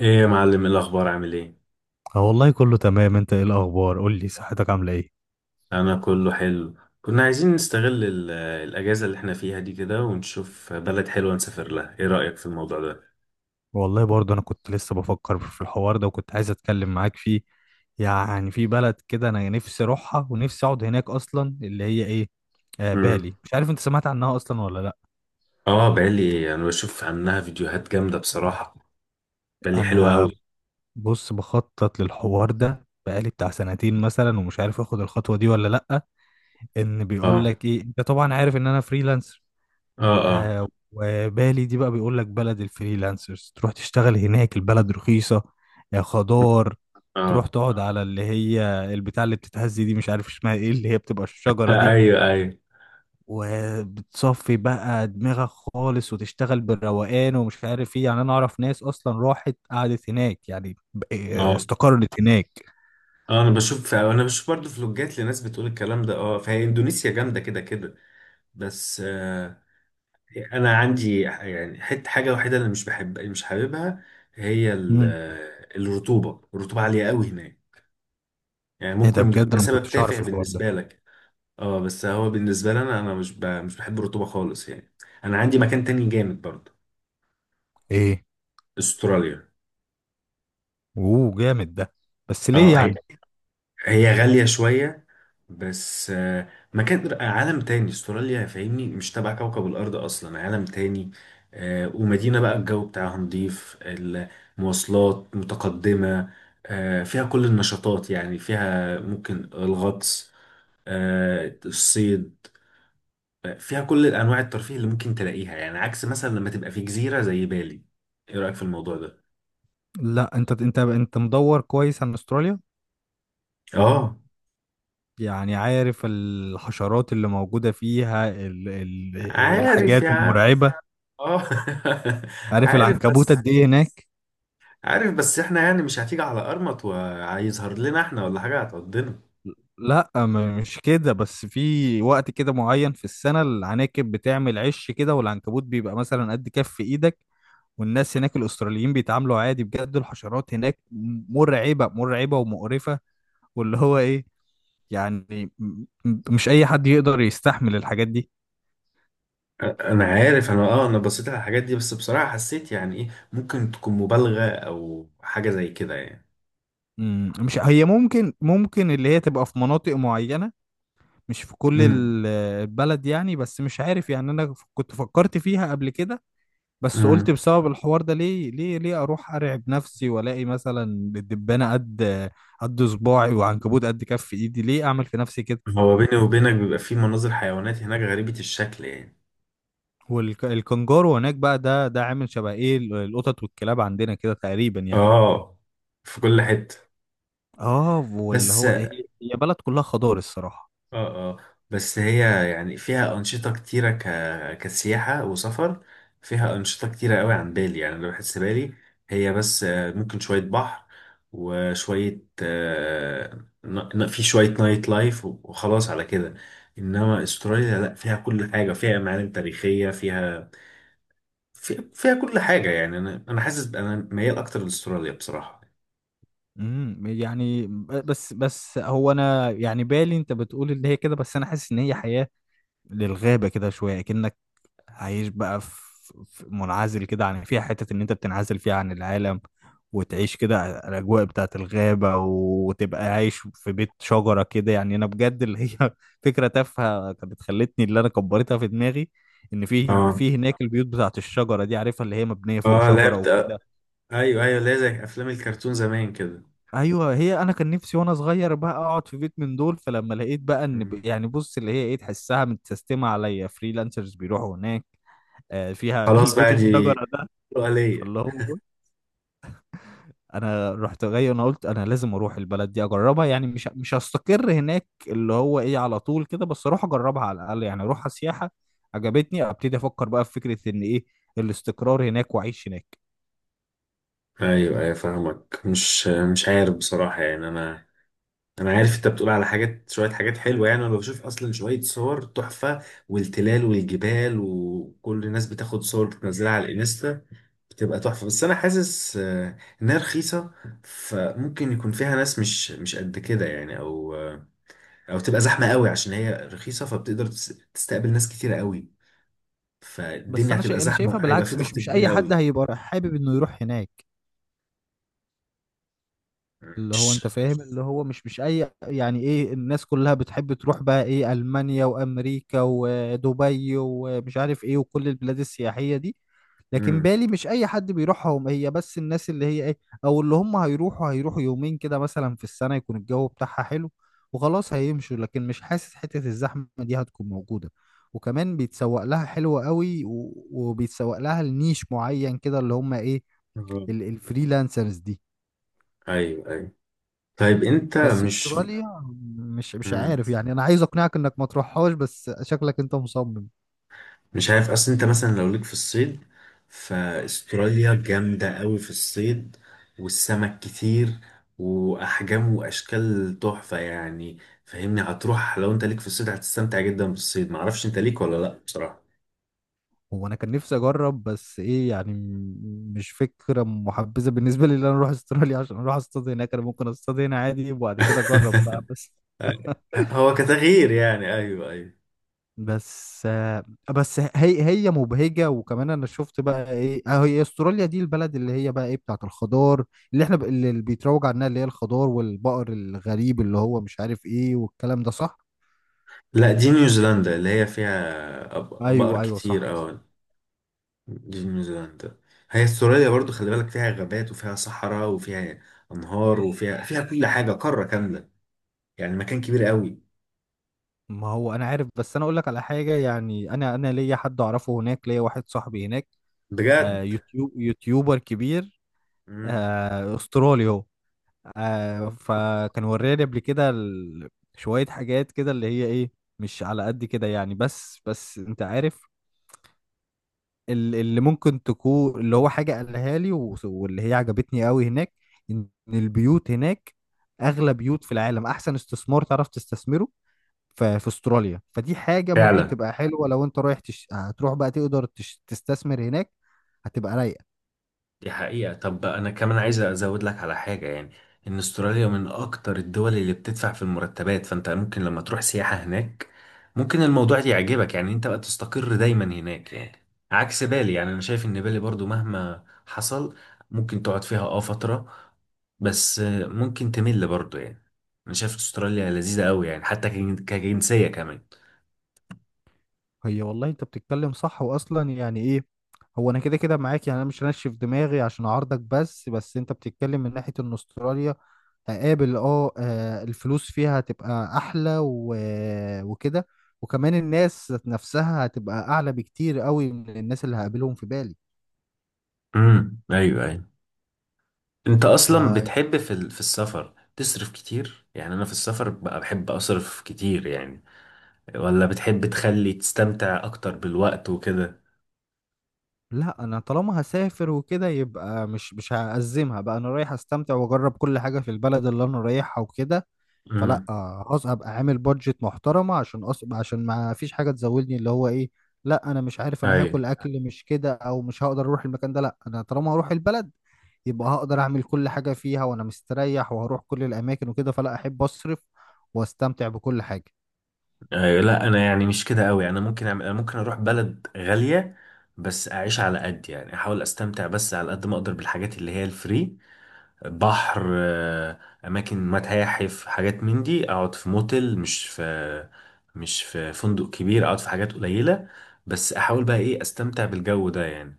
ايه يا معلم، إيه الاخبار؟ عامل ايه؟ اه والله كله تمام. انت ايه الاخبار؟ قول لي صحتك عامله ايه؟ انا كله حلو. كنا عايزين نستغل الاجازه اللي احنا فيها دي كده ونشوف بلد حلوه نسافر لها. ايه رايك في الموضوع ده؟ والله برضه انا كنت لسه بفكر في الحوار ده وكنت عايز اتكلم معاك فيه. يعني في بلد كده انا نفسي اروحها ونفسي اقعد هناك اصلا اللي هي ايه، امم. بالي، مش عارف انت سمعت عنها اصلا ولا لا؟ اه، بالي انا بشوف عنها فيديوهات جامده بصراحه. بالي حلوه قوي. انا بص بخطط للحوار ده بقالي بتاع سنتين مثلا، ومش عارف اخد الخطوه دي ولا لا. ان بيقول اه لك ايه، انت طبعا عارف ان انا فريلانسر. اه. اه وبالي دي بقى بيقول لك بلد الفريلانسرز، تروح تشتغل هناك، البلد رخيصة، خضار. تروح اه. تقعد على اللي هي البتاع اللي بتتهز دي، مش عارف اسمها ايه، اللي هي بتبقى الشجرة آه، دي. ايوه ايوه. وبتصفي بقى دماغك خالص وتشتغل بالروقان ومش عارف ايه، يعني انا اعرف ناس اصلا راحت قعدت هناك، يعني اه استقرت هناك. اه، انا بشوف برضه فلوجات لناس بتقول الكلام ده. اه، فهي اندونيسيا جامده كده كده. بس، انا عندي يعني حته حاجه وحيده اللي مش بحب، اللي مش حاببها. هي مم. الرطوبه عاليه قوي هناك. يعني ايه ده؟ ممكن يكون بجد ده انا ما سبب كنتش تافه اعرف الحوار ده. بالنسبه لك. اه، بس هو بالنسبه لي انا مش بحب الرطوبه خالص يعني. انا عندي مكان تاني جامد برضه. ايه، استراليا. اوه جامد ده! بس اه، ليه هي يعني؟ هي غاليه شويه. بس، مكان عالم تاني استراليا، فاهمني؟ مش تبع كوكب الارض اصلا، عالم تاني. ومدينه بقى الجو بتاعها نضيف، المواصلات متقدمه. فيها كل النشاطات، يعني فيها ممكن الغطس، الصيد. فيها كل انواع الترفيه اللي ممكن تلاقيها، يعني عكس مثلا لما تبقى في جزيره زي بالي. ايه رايك في الموضوع ده؟ لا، انت مدور كويس عن استراليا، اه. يعني عارف الحشرات اللي موجودة فيها، ال ال عارف الحاجات يا عم. المرعبة. اه، عارف عارف العنكبوت بس. قد ايه هناك؟ عارف، بس احنا يعني مش هتيجي على قرمط وهيظهر لنا احنا ولا حاجة هتقضينا. لا، مش كده، بس في وقت كده معين في السنة العناكب بتعمل عش كده، والعنكبوت بيبقى مثلا قد كف ايدك. والناس هناك الأستراليين بيتعاملوا عادي، بجد الحشرات هناك مرعبة مرعبة ومقرفة. واللي هو ايه، يعني مش أي حد يقدر يستحمل الحاجات دي. انا عارف. انا، اه، انا بصيت على الحاجات دي، بس بصراحة حسيت يعني ايه، ممكن تكون مبالغة او حاجة زي كده يعني. مش هي، ممكن اللي هي تبقى في مناطق معينة، مش في كل امم. البلد يعني. بس مش عارف يعني، انا كنت فكرت فيها قبل كده، بس قلت امم. بسبب الحوار ده ليه اروح ارعب نفسي والاقي مثلا الدبانة قد صباعي وعنكبوت قد كف ايدي، ليه اعمل في نفسي كده؟ هو بيني وبينك بيبقى في مناظر حيوانات هناك غريبة الشكل يعني. والكنجارو هناك بقى ده عامل شبه ايه القطط والكلاب عندنا كده تقريبا يعني. اه، في كل حتة. اه واللي بس. هو ايه. هي بلد كلها خضار الصراحة. اه اه. بس هي يعني فيها أنشطة كتيرة كسياحة وسفر. فيها أنشطة كتيرة قوي عن بالي، يعني أنا بحس بالي هي بس، ممكن شوية بحر، وشوية، في شوية نايت لايف، وخلاص على كده. إنما أستراليا لأ، فيها كل حاجة، فيها معالم تاريخية، فيها، فيها كل حاجة. يعني أنا حاسس أنا ميال أكتر لأستراليا بصراحة. يعني بس هو انا يعني بالي، انت بتقول ان هي كده، بس انا حاسس ان هي حياة للغابة كده شوية، كأنك عايش بقى في منعزل كده، عن فيها حتة إن أنت بتنعزل فيها عن العالم وتعيش كده الأجواء بتاعة الغابة، وتبقى عايش في بيت شجرة كده، يعني أنا بجد اللي هي فكرة تافهة كانت خلتني اللي أنا كبرتها في دماغي، إن في اه هناك البيوت بتاعة الشجرة دي، عارفها اللي هي مبنية فوق اه، شجرة لعبت، وكده. ايوه ايوه، اللي هي زي افلام الكرتون زمان كده. أيوه، هي أنا كان نفسي وأنا صغير بقى أقعد في بيت من دول، فلما لقيت بقى إن يعني بص اللي هي إيه، تحسها متسيستمة عليا، فريلانسرز بيروحوا هناك، فيها خلاص البيت بقى، دي الشجره ده. حلوة ليا. فاللي هو بص، انا رحت جاي انا قلت انا لازم اروح البلد دي اجربها، يعني مش هستقر هناك اللي هو ايه على طول كده، بس اروح اجربها على الاقل، يعني اروح سياحه. عجبتني، ابتدي افكر بقى في فكره ان ايه الاستقرار هناك واعيش هناك. ايوه ايوه، فاهمك. مش عارف بصراحه، يعني انا، انا عارف انت بتقول على حاجات، شويه حاجات حلوه. يعني انا بشوف اصلا شويه صور تحفه، والتلال والجبال، وكل الناس بتاخد صور بتنزلها على الانستا، بتبقى تحفه. بس انا حاسس، انها رخيصه، فممكن يكون فيها ناس مش قد كده يعني، او، او تبقى زحمه قوي عشان هي رخيصه، فبتقدر تستقبل ناس كتيره قوي. بس فالدنيا هتبقى انا زحمه، شايفها هيبقى في بالعكس، مش ضغط مش كبير اي حد قوي. هيبقى حابب انه يروح هناك. اللي هو مش انت فاهم، اللي هو مش اي يعني ايه، الناس كلها بتحب تروح بقى ايه المانيا وامريكا ودبي ومش عارف ايه وكل البلاد السياحية دي. لكن بالي مش اي حد بيروحهم، هي بس الناس اللي هي ايه، او اللي هم هيروحوا يومين كده مثلا في السنة يكون الجو بتاعها حلو وخلاص هيمشوا، لكن مش حاسس حتة الزحمة دي هتكون موجودة. وكمان بيتسوق لها حلوة قوي، وبيتسوق لها لنيش معين كده اللي هم ايه آه. الفريلانسرز دي. ايوه ايوه. طيب انت بس مش. استراليا مش مم. عارف، يعني انا عايز اقنعك انك ما تروحهاش بس شكلك انت مصمم. مش عارف، اصل انت مثلا لو ليك في الصيد، فاستراليا جامدة قوي في الصيد، والسمك كتير، واحجام واشكال تحفة يعني. فاهمني؟ هتروح لو انت ليك في الصيد هتستمتع جدا بالصيد. معرفش انت ليك ولا لا بصراحة. هو انا كان نفسي اجرب، بس ايه يعني مش فكره محبذه بالنسبه لي ان انا اروح استراليا عشان اروح اصطاد هناك. انا ممكن اصطاد هنا عادي وبعد كده اجرب بقى، هو كتغيير يعني، ايوه ايوه. بس آه، بس هي مبهجه. وكمان انا شفت بقى ايه، هي استراليا دي البلد اللي هي بقى ايه بتاعت الخضار، اللي احنا اللي بيتروج عنها، اللي هي الخضار والبقر الغريب اللي هو مش عارف ايه، والكلام ده صح. لا، دي نيوزيلندا اللي هي فيها بقر ايوه ايوه كتير. صح. اه، دي نيوزيلندا. هي استراليا برضو خلي بالك فيها غابات، وفيها صحراء، وفيها انهار، وفيها، فيها كل حاجه، قاره كامله يعني. مكان كبير قوي. ما هو انا عارف، بس انا اقول لك على حاجه، يعني انا ليا حد اعرفه هناك، ليا واحد صاحبي هناك. آه، بجد. يوتيوبر كبير. مم. آه استرالي هو. آه فكان وراني قبل كده شويه حاجات كده اللي هي ايه، مش على قد كده يعني. بس انت عارف اللي ممكن تكون اللي هو حاجه قالها لي واللي هي عجبتني قوي هناك، ان البيوت هناك اغلى بيوت في العالم، احسن استثمار تعرف تستثمره في استراليا. فدي حاجة ممكن فعلا. تبقى حلوة، لو انت رايح هتروح بقى تقدر تستثمر هناك، هتبقى رايقة. دي حقيقة. طب أنا كمان عايز أزود لك على حاجة، يعني إن أستراليا من أكتر الدول اللي بتدفع في المرتبات. فأنت ممكن لما تروح سياحة هناك ممكن الموضوع ده يعجبك، يعني أنت بقى تستقر دايما هناك يعني. عكس بالي، يعني أنا شايف إن بالي برضو مهما حصل ممكن تقعد فيها فترة، بس ممكن تمل برضو يعني. أنا شايف أستراليا لذيذة أوي يعني، حتى كجنسية كمان. هي والله انت بتتكلم صح، واصلا يعني ايه. هو انا كده كده معاك، يعني انا مش هنشف دماغي عشان اعارضك، بس انت بتتكلم من ناحية ان استراليا هقابل، الفلوس فيها هتبقى احلى وكده، وكمان الناس ذات نفسها هتبقى اعلى بكتير قوي من الناس اللي هقابلهم في بالي. امم، أيوه أيوه. انت ف اصلا بتحب في في السفر تصرف كتير؟ يعني انا في السفر بقى بحب اصرف كتير يعني. ولا بتحب تخلي تستمتع اكتر بالوقت وكده؟ لا، انا طالما هسافر وكده يبقى مش هأزمها بقى، انا رايح استمتع واجرب كل حاجه في البلد اللي انا رايحها وكده. فلا، امم. خلاص ابقى عامل بادجت محترمه عشان عشان ما فيش حاجه تزودني اللي هو ايه، لا انا مش عارف انا ايوه هاكل اكل مش كده او مش هقدر اروح المكان ده، لا انا طالما هروح البلد يبقى هقدر اعمل كل حاجه فيها وانا مستريح، وهروح كل الاماكن وكده، فلا احب اصرف واستمتع بكل حاجه. ايوه. لا انا يعني مش كده قوي. انا ممكن اروح بلد غالية بس اعيش على قد، يعني احاول استمتع بس على قد ما اقدر بالحاجات اللي هي الفري. بحر، اماكن، متاحف، حاجات من دي، اقعد في موتيل، مش في فندق كبير. اقعد في حاجات قليله، بس احاول بقى ايه استمتع بالجو ده يعني.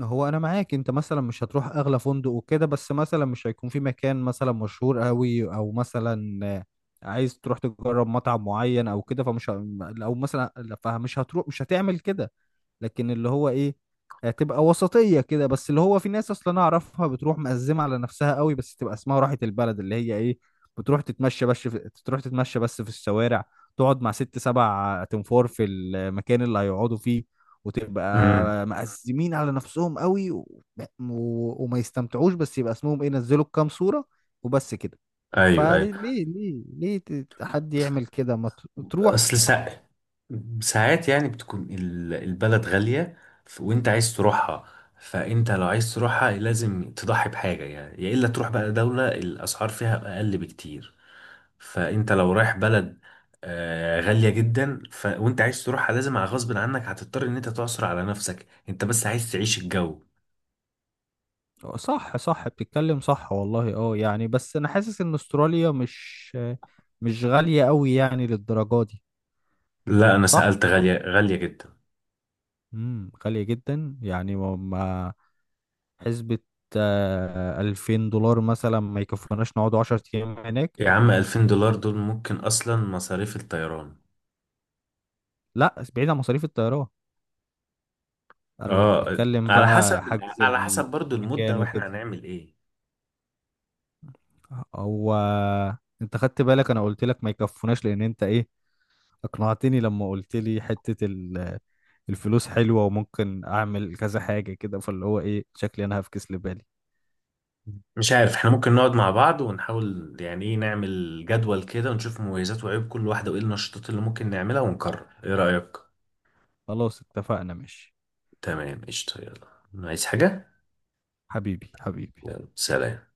هو انا معاك، انت مثلا مش هتروح اغلى فندق وكده، بس مثلا مش هيكون في مكان مثلا مشهور قوي او مثلا، عايز تروح تجرب مطعم معين او كده، فمش او مثلا لا، فمش هتروح مش هتعمل كده. لكن اللي هو ايه، هتبقى وسطية كده. بس اللي هو في ناس اصلا انا اعرفها بتروح مقزمة على نفسها قوي، بس تبقى اسمها راحة البلد اللي هي ايه، بتروح تتمشى بس تروح تتمشى بس في الشوارع، تقعد مع ست سبع تنفور في المكان اللي هيقعدوا فيه، وتبقى امم، مقزمين على نفسهم قوي وما يستمتعوش، بس يبقى اسمهم ايه نزلوا كام صورة وبس كده. ايوه فليه ايوه. ليه ليه ليه حد يعمل كده، ما تروح. اصل ساعات يعني بتكون البلد غاليه، وانت عايز تروحها. فانت لو عايز تروحها لازم تضحي بحاجه، يعني يا الا تروح بقى دوله الاسعار فيها اقل بكتير. فانت لو رايح بلد غالية جدا، وانت عايز تروحها، لازم على غصب عنك هتضطر ان انت تعصر على نفسك، انت بس عايز تعيش الجو. آه، صح صح بتتكلم صح، والله اه. يعني بس انا حاسس ان استراليا مش غالية قوي يعني للدرجة دي. لا انا صح. سألت، غالية غالية جدا. غالية جدا يعني، حسبة، $2000 مثلا ما يكفوناش نقعد 10 ايام هناك. يا عم، 2000 دولار دول ممكن اصلا مصاريف الطيران. لا، بعيد عن مصاريف الطيران، انا اه، بتكلم على بقى حسب. حجز على حسب برضو المدة المكان واحنا وكده. هنعمل ايه. هو انت خدت بالك، انا قلت لك ما يكفوناش لان انت ايه اقنعتني لما قلت لي حتة الفلوس حلوة وممكن اعمل كذا حاجة كده، فاللي هو ايه شكلي انا هفكس لبالي. مش عارف، احنا ممكن نقعد مع بعض ونحاول يعني ايه نعمل جدول كده ونشوف مميزات وعيوب كل واحدة وايه النشاطات اللي ممكن نعملها ونقرر. ايه رأيك؟ خلاص اتفقنا ماشي. تمام، قشطة. يلا، عايز حاجة؟ حبيبي حبيبي. يلا سلام.